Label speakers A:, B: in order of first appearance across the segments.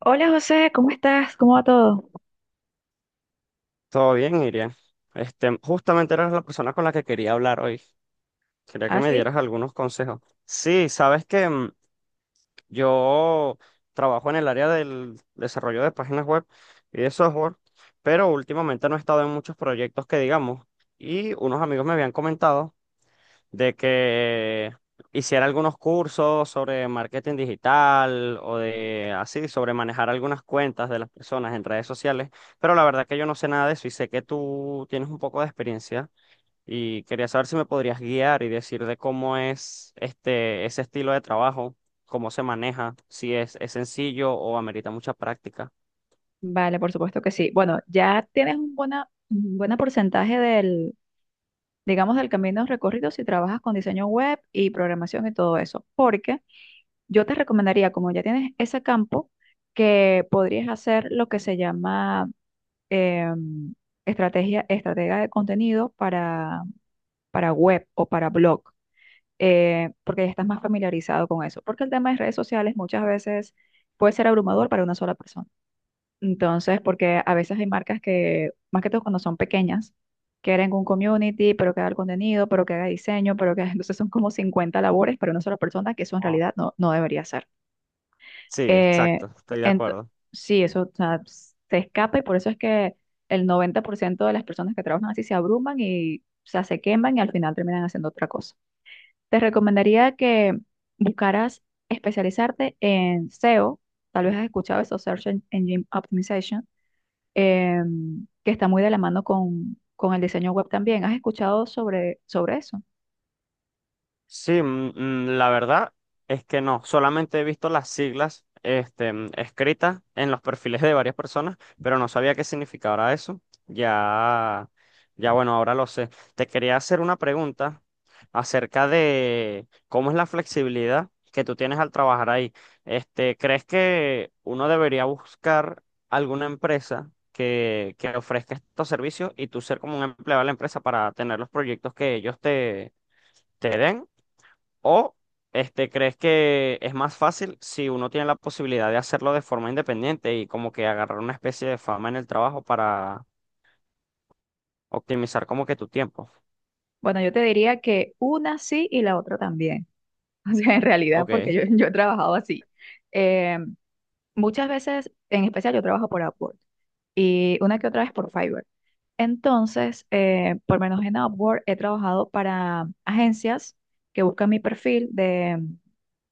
A: Hola José, ¿cómo estás? ¿Cómo va todo?
B: Todo bien, Iria. Justamente eras la persona con la que quería hablar hoy. Quería que
A: ¿Ah,
B: me
A: sí?
B: dieras algunos consejos. Sí, sabes que yo trabajo en el área del desarrollo de páginas web y de software, pero últimamente no he estado en muchos proyectos que digamos. Y unos amigos me habían comentado de que hiciera algunos cursos sobre marketing digital o de así, sobre manejar algunas cuentas de las personas en redes sociales, pero la verdad que yo no sé nada de eso y sé que tú tienes un poco de experiencia y quería saber si me podrías guiar y decir de cómo es ese estilo de trabajo, cómo se maneja, si es, es sencillo o amerita mucha práctica.
A: Vale, por supuesto que sí. Bueno, ya tienes un buen porcentaje del camino recorrido si trabajas con diseño web y programación y todo eso. Porque yo te recomendaría, como ya tienes ese campo, que podrías hacer lo que se llama em, estratega de contenido para web o para blog, porque ya estás más familiarizado con eso. Porque el tema de redes sociales muchas veces puede ser abrumador para una sola persona. Entonces, porque a veces hay marcas que, más que todo cuando son pequeñas, quieren un community, pero que haga el contenido, pero que haga diseño, pero que entonces son como 50 labores para una sola persona, que eso en
B: Ah.
A: realidad no, no debería ser.
B: Sí,
A: Eh,
B: exacto, estoy de
A: ento-
B: acuerdo.
A: sí, eso, o sea, se escapa y por eso es que el 90% de las personas que trabajan así se abruman y, o sea, se queman y al final terminan haciendo otra cosa. Te recomendaría que buscaras especializarte en SEO. Tal vez has escuchado eso, Engine Optimization, que está muy de la mano con el diseño web también. ¿Has escuchado sobre eso?
B: Sí, la verdad es que no, solamente he visto las siglas escritas en los perfiles de varias personas, pero no sabía qué significaba eso. Ya, ya bueno, ahora lo sé. Te quería hacer una pregunta acerca de cómo es la flexibilidad que tú tienes al trabajar ahí. Este, ¿crees que uno debería buscar alguna empresa que ofrezca estos servicios y tú ser como un empleado de la empresa para tener los proyectos que ellos te den? ¿O este, crees que es más fácil si uno tiene la posibilidad de hacerlo de forma independiente y como que agarrar una especie de fama en el trabajo para optimizar como que tu tiempo?
A: Bueno, yo te diría que una sí y la otra también. O sea, en realidad,
B: Ok,
A: porque yo he trabajado así. Em, Muchas veces, en especial, yo trabajo por Upwork y una que otra vez por Fiverr. Entonces, por lo menos en Upwork he trabajado para agencias que buscan mi perfil de em,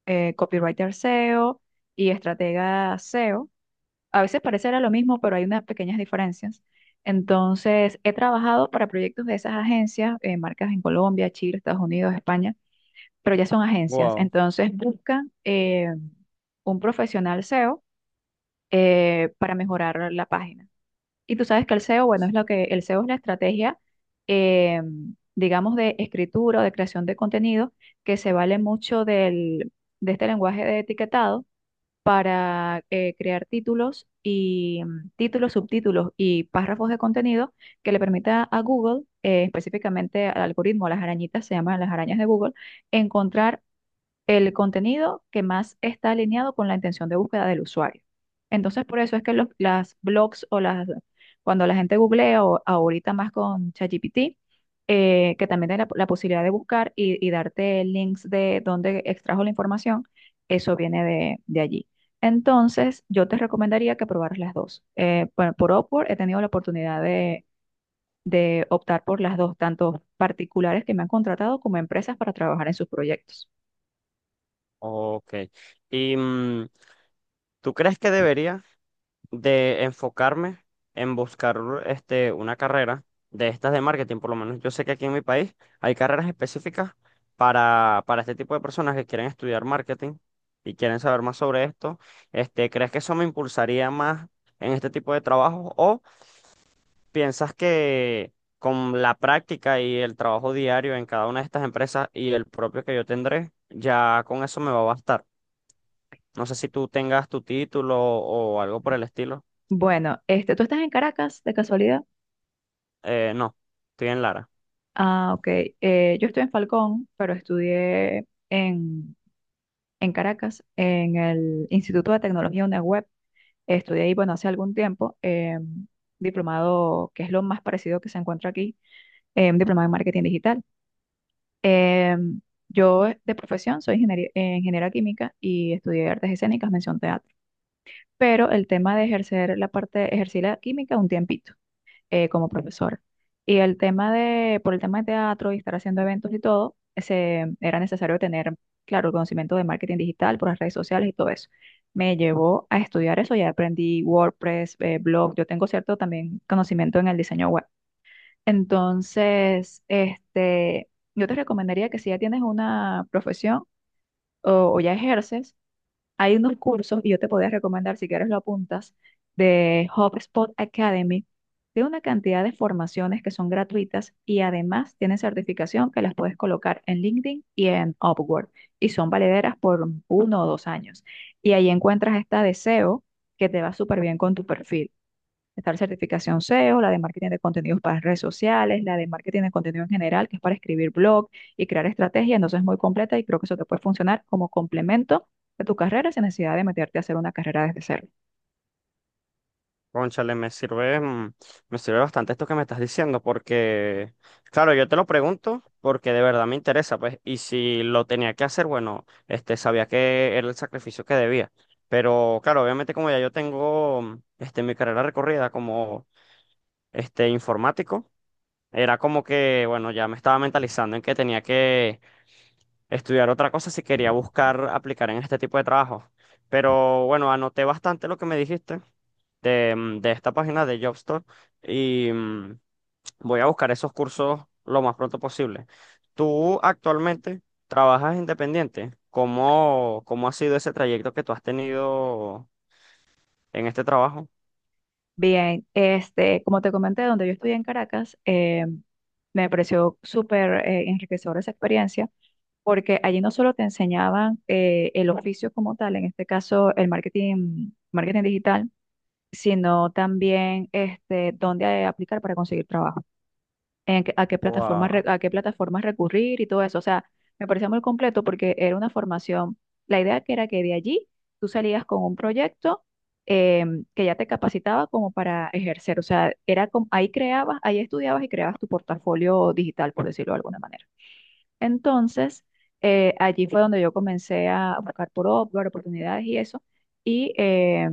A: eh, copywriter SEO y estratega SEO. A veces parecerá lo mismo, pero hay unas pequeñas diferencias. Entonces, he trabajado para proyectos de esas agencias, marcas en Colombia, Chile, Estados Unidos, España, pero ya son agencias.
B: wow,
A: Entonces, buscan un profesional SEO para mejorar la página. Y tú sabes que el SEO, bueno, es lo que el SEO es la estrategia, eh, digamos, de escritura o de creación de contenido que se vale mucho de este lenguaje de etiquetado para crear títulos y títulos, subtítulos y párrafos de contenido que le permita a Google, específicamente al algoritmo, a las arañitas, se llaman las arañas de Google, encontrar el contenido que más está alineado con la intención de búsqueda del usuario. Entonces, por eso es que las blogs o las, cuando la gente googlea o ahorita más con ChatGPT, que también tiene la posibilidad de buscar y darte links de dónde extrajo la información, eso viene de allí. Entonces, yo te recomendaría que probaras las dos. Bueno, por Upwork he tenido la oportunidad de optar por las dos, tanto particulares que me han contratado como empresas para trabajar en sus proyectos.
B: ok. ¿Y tú crees que debería de enfocarme en buscar este, una carrera de estas de marketing? Por lo menos yo sé que aquí en mi país hay carreras específicas para este tipo de personas que quieren estudiar marketing y quieren saber más sobre esto. Este, ¿crees que eso me impulsaría más en este tipo de trabajo o piensas que con la práctica y el trabajo diario en cada una de estas empresas y el propio que yo tendré, ya con eso me va a bastar? No sé si tú tengas tu título o algo por el estilo.
A: Bueno, este, ¿tú estás en Caracas, de casualidad?
B: No, estoy en Lara.
A: Ah, ok. Yo estoy en Falcón, pero en Caracas, en el Instituto de Tecnología UNEWeb. Estudié ahí, bueno, hace algún tiempo, diplomado, que es lo más parecido que se encuentra aquí, un diplomado en marketing digital. Eh, yo de profesión soy ingeniera química y estudié artes escénicas, mención teatro. Pero el tema de ejercer la parte, ejercí la química un tiempito como profesora. Y el tema de, por el tema de teatro y estar haciendo eventos y todo, ese, era necesario tener, claro, el conocimiento de marketing digital por las redes sociales y todo eso. Me llevó a estudiar eso, ya aprendí WordPress, blog, yo tengo cierto también conocimiento en el diseño web. Entonces, este, yo te recomendaría que si ya tienes una profesión o ya ejerces, hay unos cursos, y yo te podría recomendar, si quieres lo apuntas, de HubSpot Academy. Tiene una cantidad de formaciones que son gratuitas y además tienen certificación que las puedes colocar en LinkedIn y en Upwork. Y son valederas por uno o dos años. Y ahí encuentras esta de SEO que te va súper bien con tu perfil. Está la certificación SEO, la de marketing de contenidos para redes sociales, la de marketing de contenido en general, que es para escribir blog y crear estrategia. Entonces es muy completa y creo que eso te puede funcionar como complemento de tu carrera sin necesidad de meterte a hacer una carrera desde cero.
B: Cónchale, me sirve bastante esto que me estás diciendo, porque, claro, yo te lo pregunto porque de verdad me interesa, pues, y si lo tenía que hacer, bueno, este, sabía que era el sacrificio que debía. Pero, claro, obviamente como ya yo tengo, mi carrera recorrida como, este, informático, era como que, bueno, ya me estaba mentalizando en que tenía que estudiar otra cosa si quería buscar aplicar en este tipo de trabajo. Pero, bueno, anoté bastante lo que me dijiste. De, de esta página de Jobstore y voy a buscar esos cursos lo más pronto posible. Tú actualmente trabajas independiente. Cómo ha sido ese trayecto que tú has tenido en este trabajo?
A: Bien, este, como te comenté, donde yo estudié en Caracas, me pareció súper enriquecedora esa experiencia, porque allí no solo te enseñaban el oficio como tal, en este caso el marketing digital, sino también este, dónde aplicar para conseguir trabajo, a qué
B: O a-
A: a qué plataformas recurrir y todo eso. O sea, me parecía muy completo porque era una formación, la idea que era que de allí tú salías con un proyecto que ya te capacitaba como para ejercer. O sea, era como, ahí creabas, ahí estudiabas y creabas tu portafolio digital, por decirlo de alguna manera. Entonces, allí fue donde yo comencé a buscar por Upwork, oportunidades y eso, y, eh,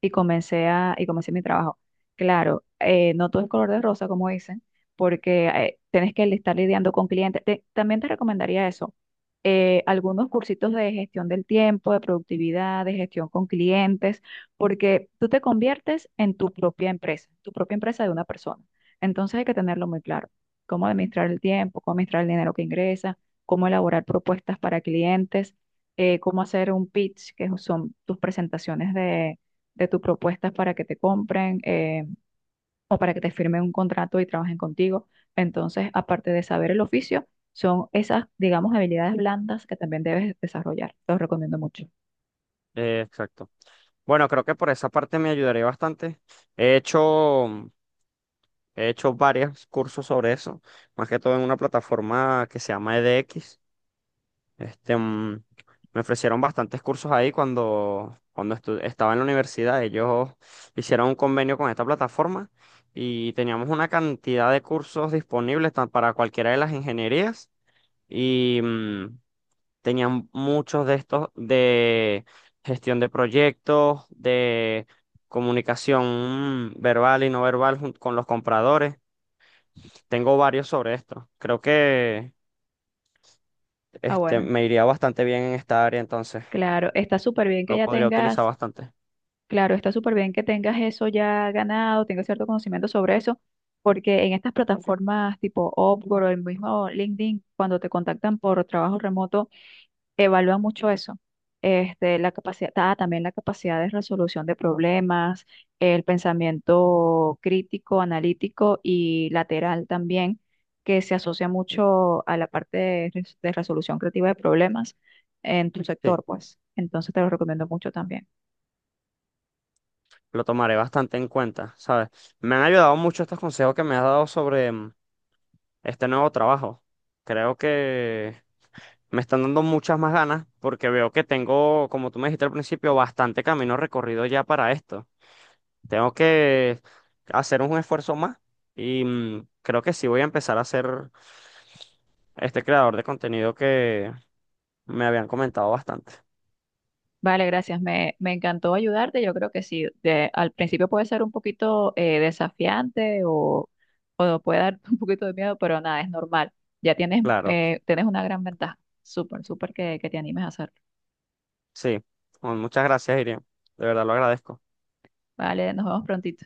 A: y comencé a, y comencé mi trabajo. Claro, no todo es color de rosa, como dicen, porque tienes que estar lidiando con clientes. También te recomendaría eso, algunos cursitos de gestión del tiempo, de productividad, de gestión con clientes, porque tú te conviertes en tu propia empresa de una persona. Entonces hay que tenerlo muy claro cómo administrar el tiempo, cómo administrar el dinero que ingresa, cómo elaborar propuestas para clientes, cómo hacer un pitch, que son tus presentaciones de tus propuestas para que te compren o para que te firmen un contrato y trabajen contigo. Entonces, aparte de saber el oficio, son esas, digamos, habilidades blandas que también debes desarrollar. Te los recomiendo mucho.
B: eh, exacto. Bueno, creo que por esa parte me ayudaría bastante. He hecho, mm, he hecho varios cursos sobre eso, más que todo en una plataforma que se llama EDX. Este, mm, Me ofrecieron bastantes cursos ahí cuando estaba en la universidad. Ellos hicieron un convenio con esta plataforma y teníamos una cantidad de cursos disponibles para cualquiera de las ingenierías y tenían muchos de estos de gestión de proyectos, de comunicación verbal y no verbal con los compradores. Tengo varios sobre esto. Creo que
A: Ah,
B: este,
A: bueno,
B: me iría bastante bien en esta área entonces.
A: claro, está súper bien que
B: Lo
A: ya
B: podría utilizar
A: tengas.
B: bastante.
A: Claro, está súper bien que tengas eso ya ganado, tengas cierto conocimiento sobre eso, porque en estas plataformas tipo Upwork o el mismo LinkedIn, cuando te contactan por trabajo remoto, evalúan mucho eso. Este, la capacidad, ah, también la capacidad de resolución de problemas, el pensamiento crítico, analítico y lateral también, que se asocia mucho a la parte de resolución creativa de problemas en tu
B: Sí,
A: sector, pues. Entonces te lo recomiendo mucho también.
B: lo tomaré bastante en cuenta, ¿sabes? Me han ayudado mucho estos consejos que me has dado sobre este nuevo trabajo. Creo que me están dando muchas más ganas porque veo que tengo, como tú me dijiste al principio, bastante camino recorrido ya para esto. Tengo que hacer un esfuerzo más y creo que sí voy a empezar a ser este creador de contenido que me habían comentado bastante.
A: Vale, gracias. Me encantó ayudarte. Yo creo que sí. Al principio puede ser un poquito desafiante o puede dar un poquito de miedo, pero nada, es normal. Ya tienes,
B: Claro,
A: tienes una gran ventaja. Súper que te animes a hacerlo.
B: sí. Bueno, muchas gracias, Iriam. De verdad lo agradezco.
A: Vale, nos vemos prontito.